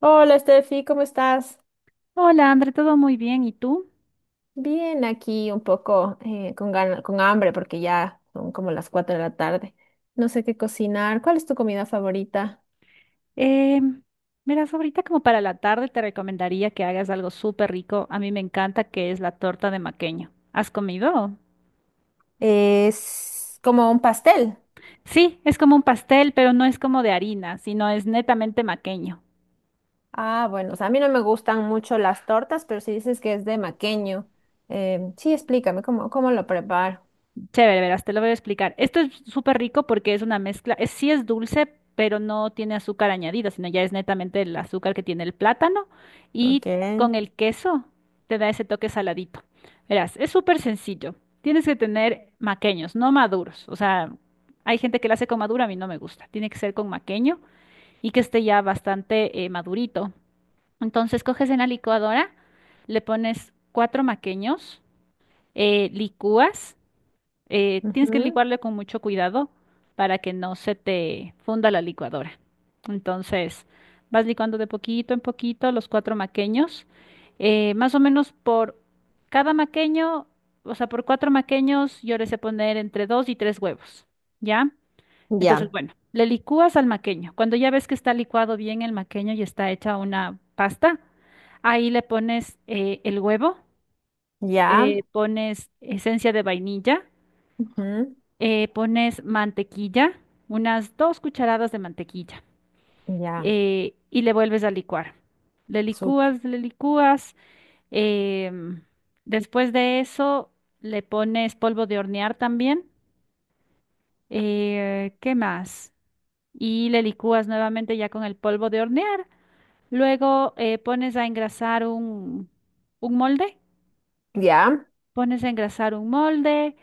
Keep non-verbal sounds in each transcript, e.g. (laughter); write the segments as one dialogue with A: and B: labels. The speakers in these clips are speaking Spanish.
A: Hola, Steffi, ¿cómo estás?
B: Hola, André, todo muy bien. ¿Y tú?
A: Bien, aquí un poco con hambre porque ya son como las 4 de la tarde. No sé qué cocinar. ¿Cuál es tu comida favorita?
B: Eh, Miras, ahorita como para la tarde te recomendaría que hagas algo súper rico. A mí me encanta que es la torta de maqueño. ¿Has comido?
A: Es como un pastel.
B: Sí, es como un pastel, pero no es como de harina, sino es netamente maqueño.
A: Ah, bueno, o sea, a mí no me gustan mucho las tortas, pero si dices que es de maqueño, sí, explícame cómo lo preparo.
B: Chévere, verás, te lo voy a explicar. Esto es súper rico porque es una mezcla, es, sí es dulce, pero no tiene azúcar añadida, sino ya es netamente el azúcar que tiene el plátano y
A: Ok.
B: con el queso te da ese toque saladito. Verás, es súper sencillo. Tienes que tener maqueños, no maduros. O sea, hay gente que lo hace con madura, a mí no me gusta. Tiene que ser con maqueño y que esté ya bastante madurito. Entonces coges en la licuadora, le pones cuatro maqueños, licúas. Tienes que
A: Ujú.
B: licuarle con mucho cuidado para que no se te funda la licuadora. Entonces, vas licuando de poquito en poquito los cuatro maqueños. Más o menos por cada maqueño, o sea, por cuatro maqueños, yo les he poner entre dos y tres huevos, ¿ya? Entonces,
A: Ya,
B: bueno, le licúas al maqueño. Cuando ya ves que está licuado bien el maqueño y está hecha una pasta, ahí le pones el huevo,
A: ya.
B: pones esencia de vainilla,
A: Ujú.
B: pones mantequilla, unas 2 cucharadas de mantequilla,
A: Ya.
B: y le vuelves a licuar. Le
A: sup-
B: licúas, le licúas. em, Después de eso, le pones polvo de hornear también. ¿Qué más? Y le licúas nuevamente ya con el polvo de hornear. Luego pones a engrasar un, molde.
A: ya.
B: Pones a engrasar un molde,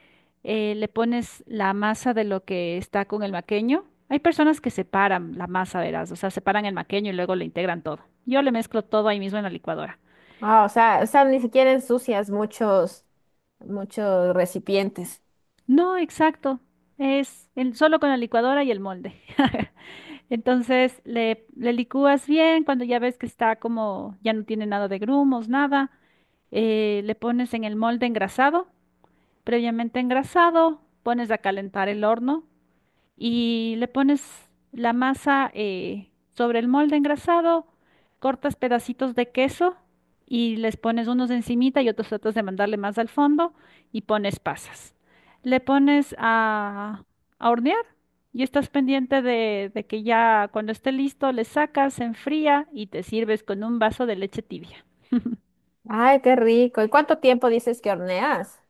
B: le pones la masa de lo que está con el maqueño. Hay personas que separan la masa, verás, o sea, separan el maqueño y luego le integran todo. Yo le mezclo todo ahí mismo en la licuadora.
A: Ah, o sea, o
B: Sí.
A: sea, ni siquiera ensucias muchos. Muchos recipientes.
B: No, exacto. Solo con la licuadora y el molde. (laughs) Entonces le licúas bien, cuando ya ves que está como, ya no tiene nada de grumos, nada, le pones en el molde engrasado, previamente engrasado, pones a calentar el horno y le pones la masa sobre el molde engrasado, cortas pedacitos de queso y les pones unos encimita y otros tratas de mandarle más al fondo y pones pasas. Le pones a, hornear y estás pendiente de que ya cuando esté listo le sacas, se enfría y te sirves con un vaso de leche tibia. (laughs)
A: Ay, qué rico. ¿Y cuánto tiempo dices que horneas?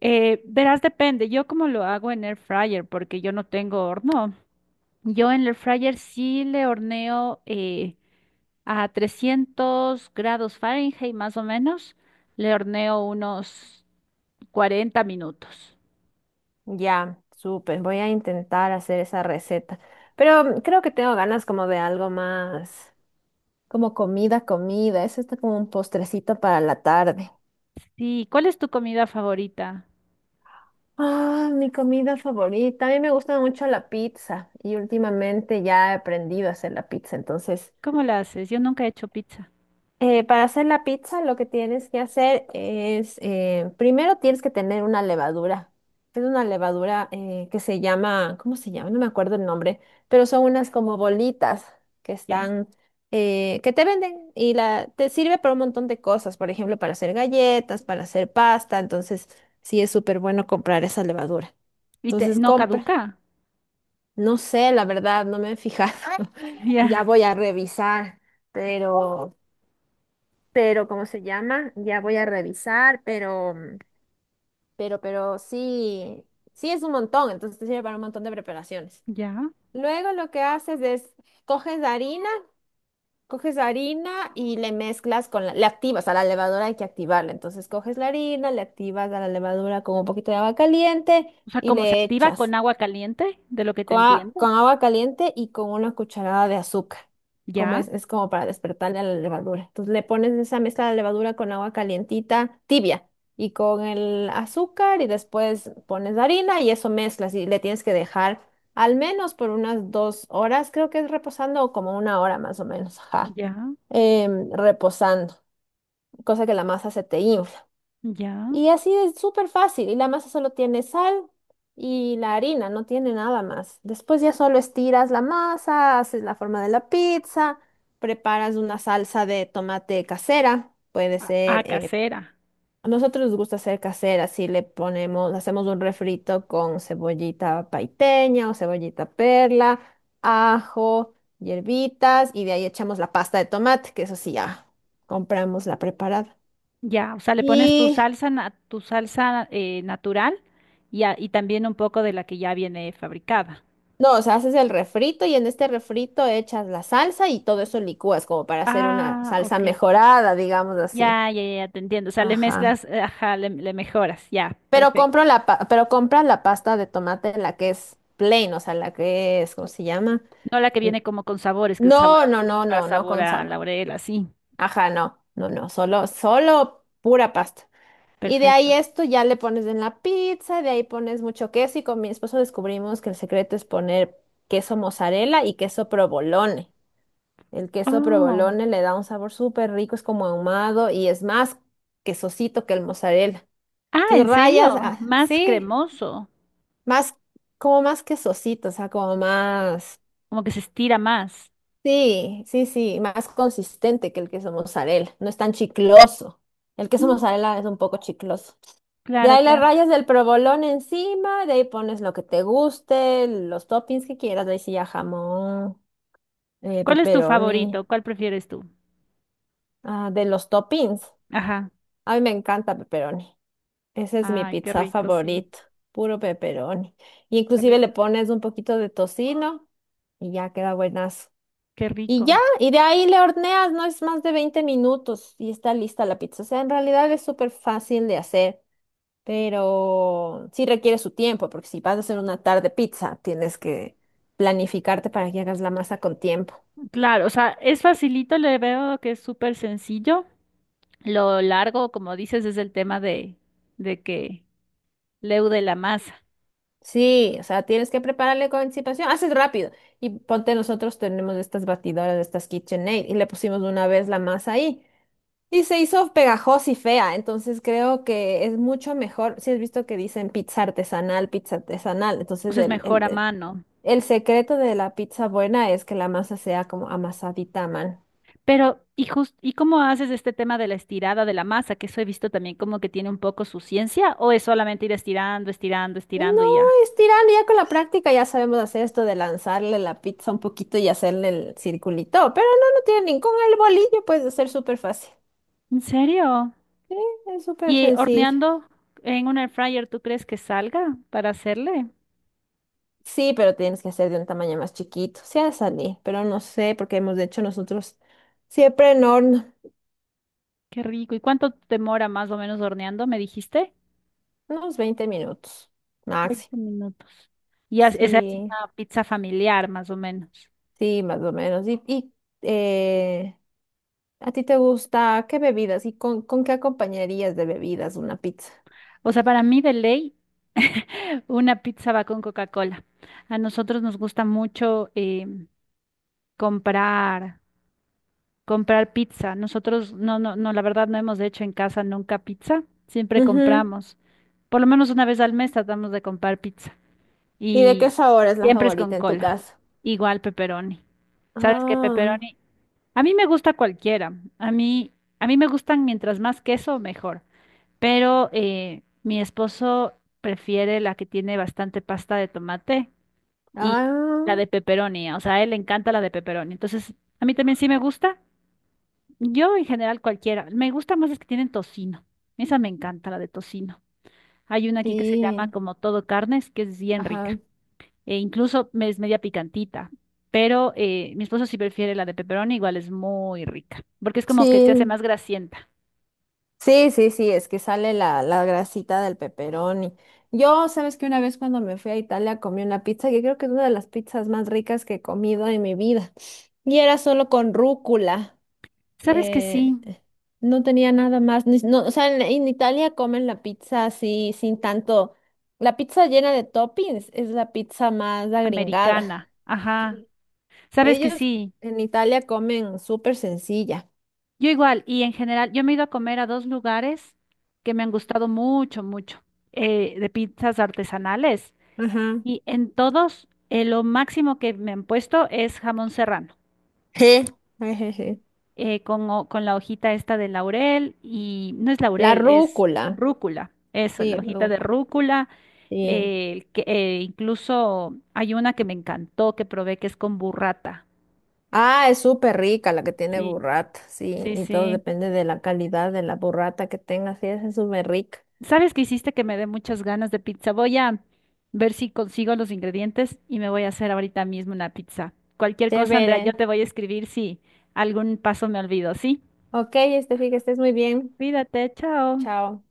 B: Verás, depende. Yo como lo hago en air fryer porque yo no tengo horno. Yo en el fryer sí le horneo a 300 grados Fahrenheit más o menos. Le horneo unos 40 minutos.
A: Ya, súper. Voy a intentar hacer esa receta. Pero creo que tengo ganas como de algo más, como comida, comida. Eso está como un postrecito para la tarde.
B: Sí, ¿cuál es tu comida favorita?
A: Ah, mi comida favorita. A mí me gusta mucho la pizza y últimamente ya he aprendido a hacer la pizza. Entonces,
B: ¿Cómo la haces? Yo nunca he hecho pizza.
A: Para hacer la pizza, lo que tienes que hacer es, primero tienes que tener una levadura. Es una levadura que se llama, ¿cómo se llama? No me acuerdo el nombre, pero son unas como bolitas que
B: ¿Ya?
A: están, que te venden y te sirve para un montón de cosas, por ejemplo, para hacer galletas, para hacer pasta, entonces sí es súper bueno comprar esa levadura.
B: ¿Y te,
A: Entonces
B: no
A: compra.
B: caduca? (laughs)
A: No sé, la verdad, no me he fijado. (laughs) Ya
B: Ya,
A: voy a revisar, pero pero ¿cómo se llama? Ya voy a revisar, pero, sí, sí es un montón, entonces te sirve para un montón de preparaciones.
B: ya.
A: Luego lo que haces es, coges harina, coges harina y le mezclas le activas a la levadura, hay que activarla, entonces coges la harina, le activas a la levadura con un poquito de agua caliente
B: O sea,
A: y
B: ¿cómo se
A: le
B: activa con
A: echas.
B: agua caliente? De lo que te
A: Con, a-
B: entiendo.
A: con agua caliente y con una cucharada de azúcar. Como
B: Ya,
A: es como para despertarle a la levadura. Entonces le pones esa mezcla de levadura con agua calientita, tibia, y con el azúcar y después pones la harina y eso mezclas y le tienes que dejar al menos por unas 2 horas, creo que es reposando o como una hora más o menos, ajá,
B: ya,
A: reposando, cosa que la masa se te infla.
B: ya.
A: Y así es súper fácil. Y la masa solo tiene sal y la harina, no tiene nada más. Después ya solo estiras la masa, haces la forma de la pizza, preparas una salsa de tomate casera. Puede
B: A, a
A: ser,
B: casera.
A: a nosotros nos gusta hacer casera, si le ponemos, hacemos un refrito con cebollita paiteña o cebollita perla, ajo, hierbitas y de ahí echamos la pasta de tomate, que eso sí ya compramos la preparada.
B: Ya, o sea, le pones tu
A: Y
B: salsa, tu salsa natural y, y también un poco de la que ya viene fabricada.
A: no, o sea, haces el refrito y en este refrito echas la salsa y todo eso licúas como para hacer una
B: Ah,
A: salsa
B: ok.
A: mejorada, digamos así.
B: Ya, ya, ya, te entiendo. O sea, le
A: Ajá.
B: mezclas, ajá, le mejoras. Ya, perfecto.
A: Pero compras la pasta de tomate, la que es plain, o sea, la que es, ¿cómo se llama?
B: No la que
A: N-
B: viene como con sabores, que es sabor
A: No,
B: a
A: no, no,
B: oliva,
A: no, no
B: sabor
A: con
B: a
A: sabor.
B: laurel, así.
A: Ajá, no, no, no, solo pura pasta. Y de ahí
B: Perfecto.
A: esto ya le pones en la pizza, de ahí pones mucho queso y con mi esposo descubrimos que el secreto es poner queso mozzarella y queso provolone. El queso
B: Oh.
A: provolone le da un sabor súper rico, es como ahumado y es más quesosito que el mozzarella.
B: Ah,
A: Tus
B: ¿en
A: rayas,
B: serio?
A: ah,
B: Más
A: sí,
B: cremoso.
A: más, como más quesosito, o sea, como más,
B: Como que se estira más.
A: sí, sí, sí, más consistente que el queso mozzarella, no es tan chicloso. El queso
B: Mm,
A: mozzarella es un poco chicloso. De
B: claro,
A: ahí las
B: claro.
A: rayas del provolone encima, de ahí pones lo que te guste, los toppings que quieras, de ahí sí ya jamón,
B: ¿Cuál es tu
A: pepperoni,
B: favorito? ¿Cuál prefieres tú?
A: ah, de los toppings.
B: Ajá.
A: A mí me encanta pepperoni. Esa es mi
B: Ay, qué
A: pizza
B: rico, sí.
A: favorita, puro pepperoni. Y
B: Qué
A: inclusive
B: rico.
A: le pones un poquito de tocino y ya queda buenazo.
B: Qué
A: Y ya,
B: rico.
A: y de ahí le horneas, no es más de 20 minutos y está lista la pizza. O sea, en realidad es súper fácil de hacer, pero sí requiere su tiempo, porque si vas a hacer una tarde pizza, tienes que planificarte para que hagas la masa con tiempo.
B: Claro, o sea, es facilito, le veo que es súper sencillo. Lo largo, como dices, es el tema de que leude la masa.
A: Sí, o sea, tienes que prepararle con anticipación. Haces rápido. Y ponte, nosotros tenemos estas batidoras, estas KitchenAid, y le pusimos una vez la masa ahí. Y se hizo pegajosa y fea. Entonces creo que es mucho mejor. Si has visto que dicen pizza artesanal, pizza artesanal.
B: O
A: Entonces
B: sea, es
A: el,
B: mejor a
A: el,
B: mano.
A: el secreto de la pizza buena es que la masa sea como amasadita, man.
B: Pero, ¿y y cómo haces este tema de la estirada de la masa? Que eso he visto también como que tiene un poco su ciencia, o es solamente ir estirando, estirando,
A: No,
B: estirando y ya.
A: estirarlo ya con la práctica, ya sabemos hacer esto de lanzarle la pizza un poquito y hacerle el circulito, pero no, no tiene ningún, el bolillo puede ser súper fácil,
B: ¿En serio?
A: sí, es súper
B: ¿Y
A: sencillo.
B: horneando en un air fryer, tú crees que salga para hacerle?
A: Sí, pero tienes que hacer de un tamaño más chiquito, sí ha salir, pero no sé, porque hemos hecho nosotros siempre en horno,
B: Qué rico. ¿Y cuánto demora más o menos horneando? ¿Me dijiste?
A: unos 20 minutos
B: 20
A: máximo.
B: minutos. Y esa es
A: Sí,
B: una pizza familiar, más o menos.
A: sí, más o menos. Y eh, ¿a ti te gusta qué bebidas y con qué acompañarías de bebidas una pizza?
B: O sea, para mí de ley, una pizza va con Coca-Cola. A nosotros nos gusta mucho comprar, comprar pizza. Nosotros, no, no, no, la verdad no hemos hecho en casa nunca pizza. Siempre
A: Ujú.
B: compramos. Por lo menos una vez al mes tratamos de comprar pizza.
A: ¿Y de qué
B: Y
A: sabor es la
B: siempre es con
A: favorita en tu
B: cola.
A: caso?
B: Igual pepperoni. ¿Sabes qué?
A: Ah,
B: Pepperoni. A mí me gusta cualquiera. A mí, a mí me gustan mientras más queso, mejor. Pero mi esposo prefiere la que tiene bastante pasta de tomate y la
A: ah,
B: de pepperoni, o sea, a él le encanta la de pepperoni. Entonces, a mí también sí me gusta. Yo en general cualquiera, me gusta más las que tienen tocino. Esa me encanta, la de tocino. Hay una aquí que se llama
A: sí,
B: como todo carnes, que es bien
A: ajá,
B: rica. E incluso es media picantita. Pero mi esposo sí prefiere la de pepperoni, igual es muy rica. Porque es como que se hace
A: sí,
B: más grasienta.
A: sí, sí, sí, es que sale la, grasita del pepperoni. Yo, sabes que una vez cuando me fui a Italia comí una pizza que creo que es una de las pizzas más ricas que he comido en mi vida. Y era solo con rúcula.
B: ¿Sabes que sí?
A: eh, no tenía nada más. No, o sea, en Italia comen la pizza así, sin tanto. La pizza llena de toppings es la pizza más agringada.
B: Americana.
A: (laughs)
B: Ajá. Sabes que
A: Ellos
B: sí,
A: en Italia comen súper sencilla.
B: yo igual, y en general, yo me he ido a comer a dos lugares que me han gustado mucho, mucho, de pizzas artesanales,
A: Ajá.
B: y en todos lo máximo que me han puesto es jamón serrano,
A: Je. Ejeje.
B: con la hojita esta de laurel, y no es
A: La
B: laurel, es
A: rúcula.
B: rúcula, eso, la
A: Sí,
B: hojita de
A: rúcula.
B: rúcula,
A: Sí.
B: incluso hay una que me encantó, que probé, que es con burrata.
A: Ah, es súper rica la que tiene
B: Sí,
A: burrata. Sí,
B: sí,
A: y todo
B: sí.
A: depende de la calidad de la burrata que tengas. Sí, esa es súper rica.
B: ¿Sabes qué hiciste que me dé muchas ganas de pizza? Voy a ver si consigo los ingredientes y me voy a hacer ahorita mismo una pizza. Cualquier cosa, Andrea, yo
A: Chévere.
B: te voy a escribir si algún paso me olvido, ¿sí?
A: Ok, este, que estés muy bien.
B: Cuídate, chao.
A: Chao.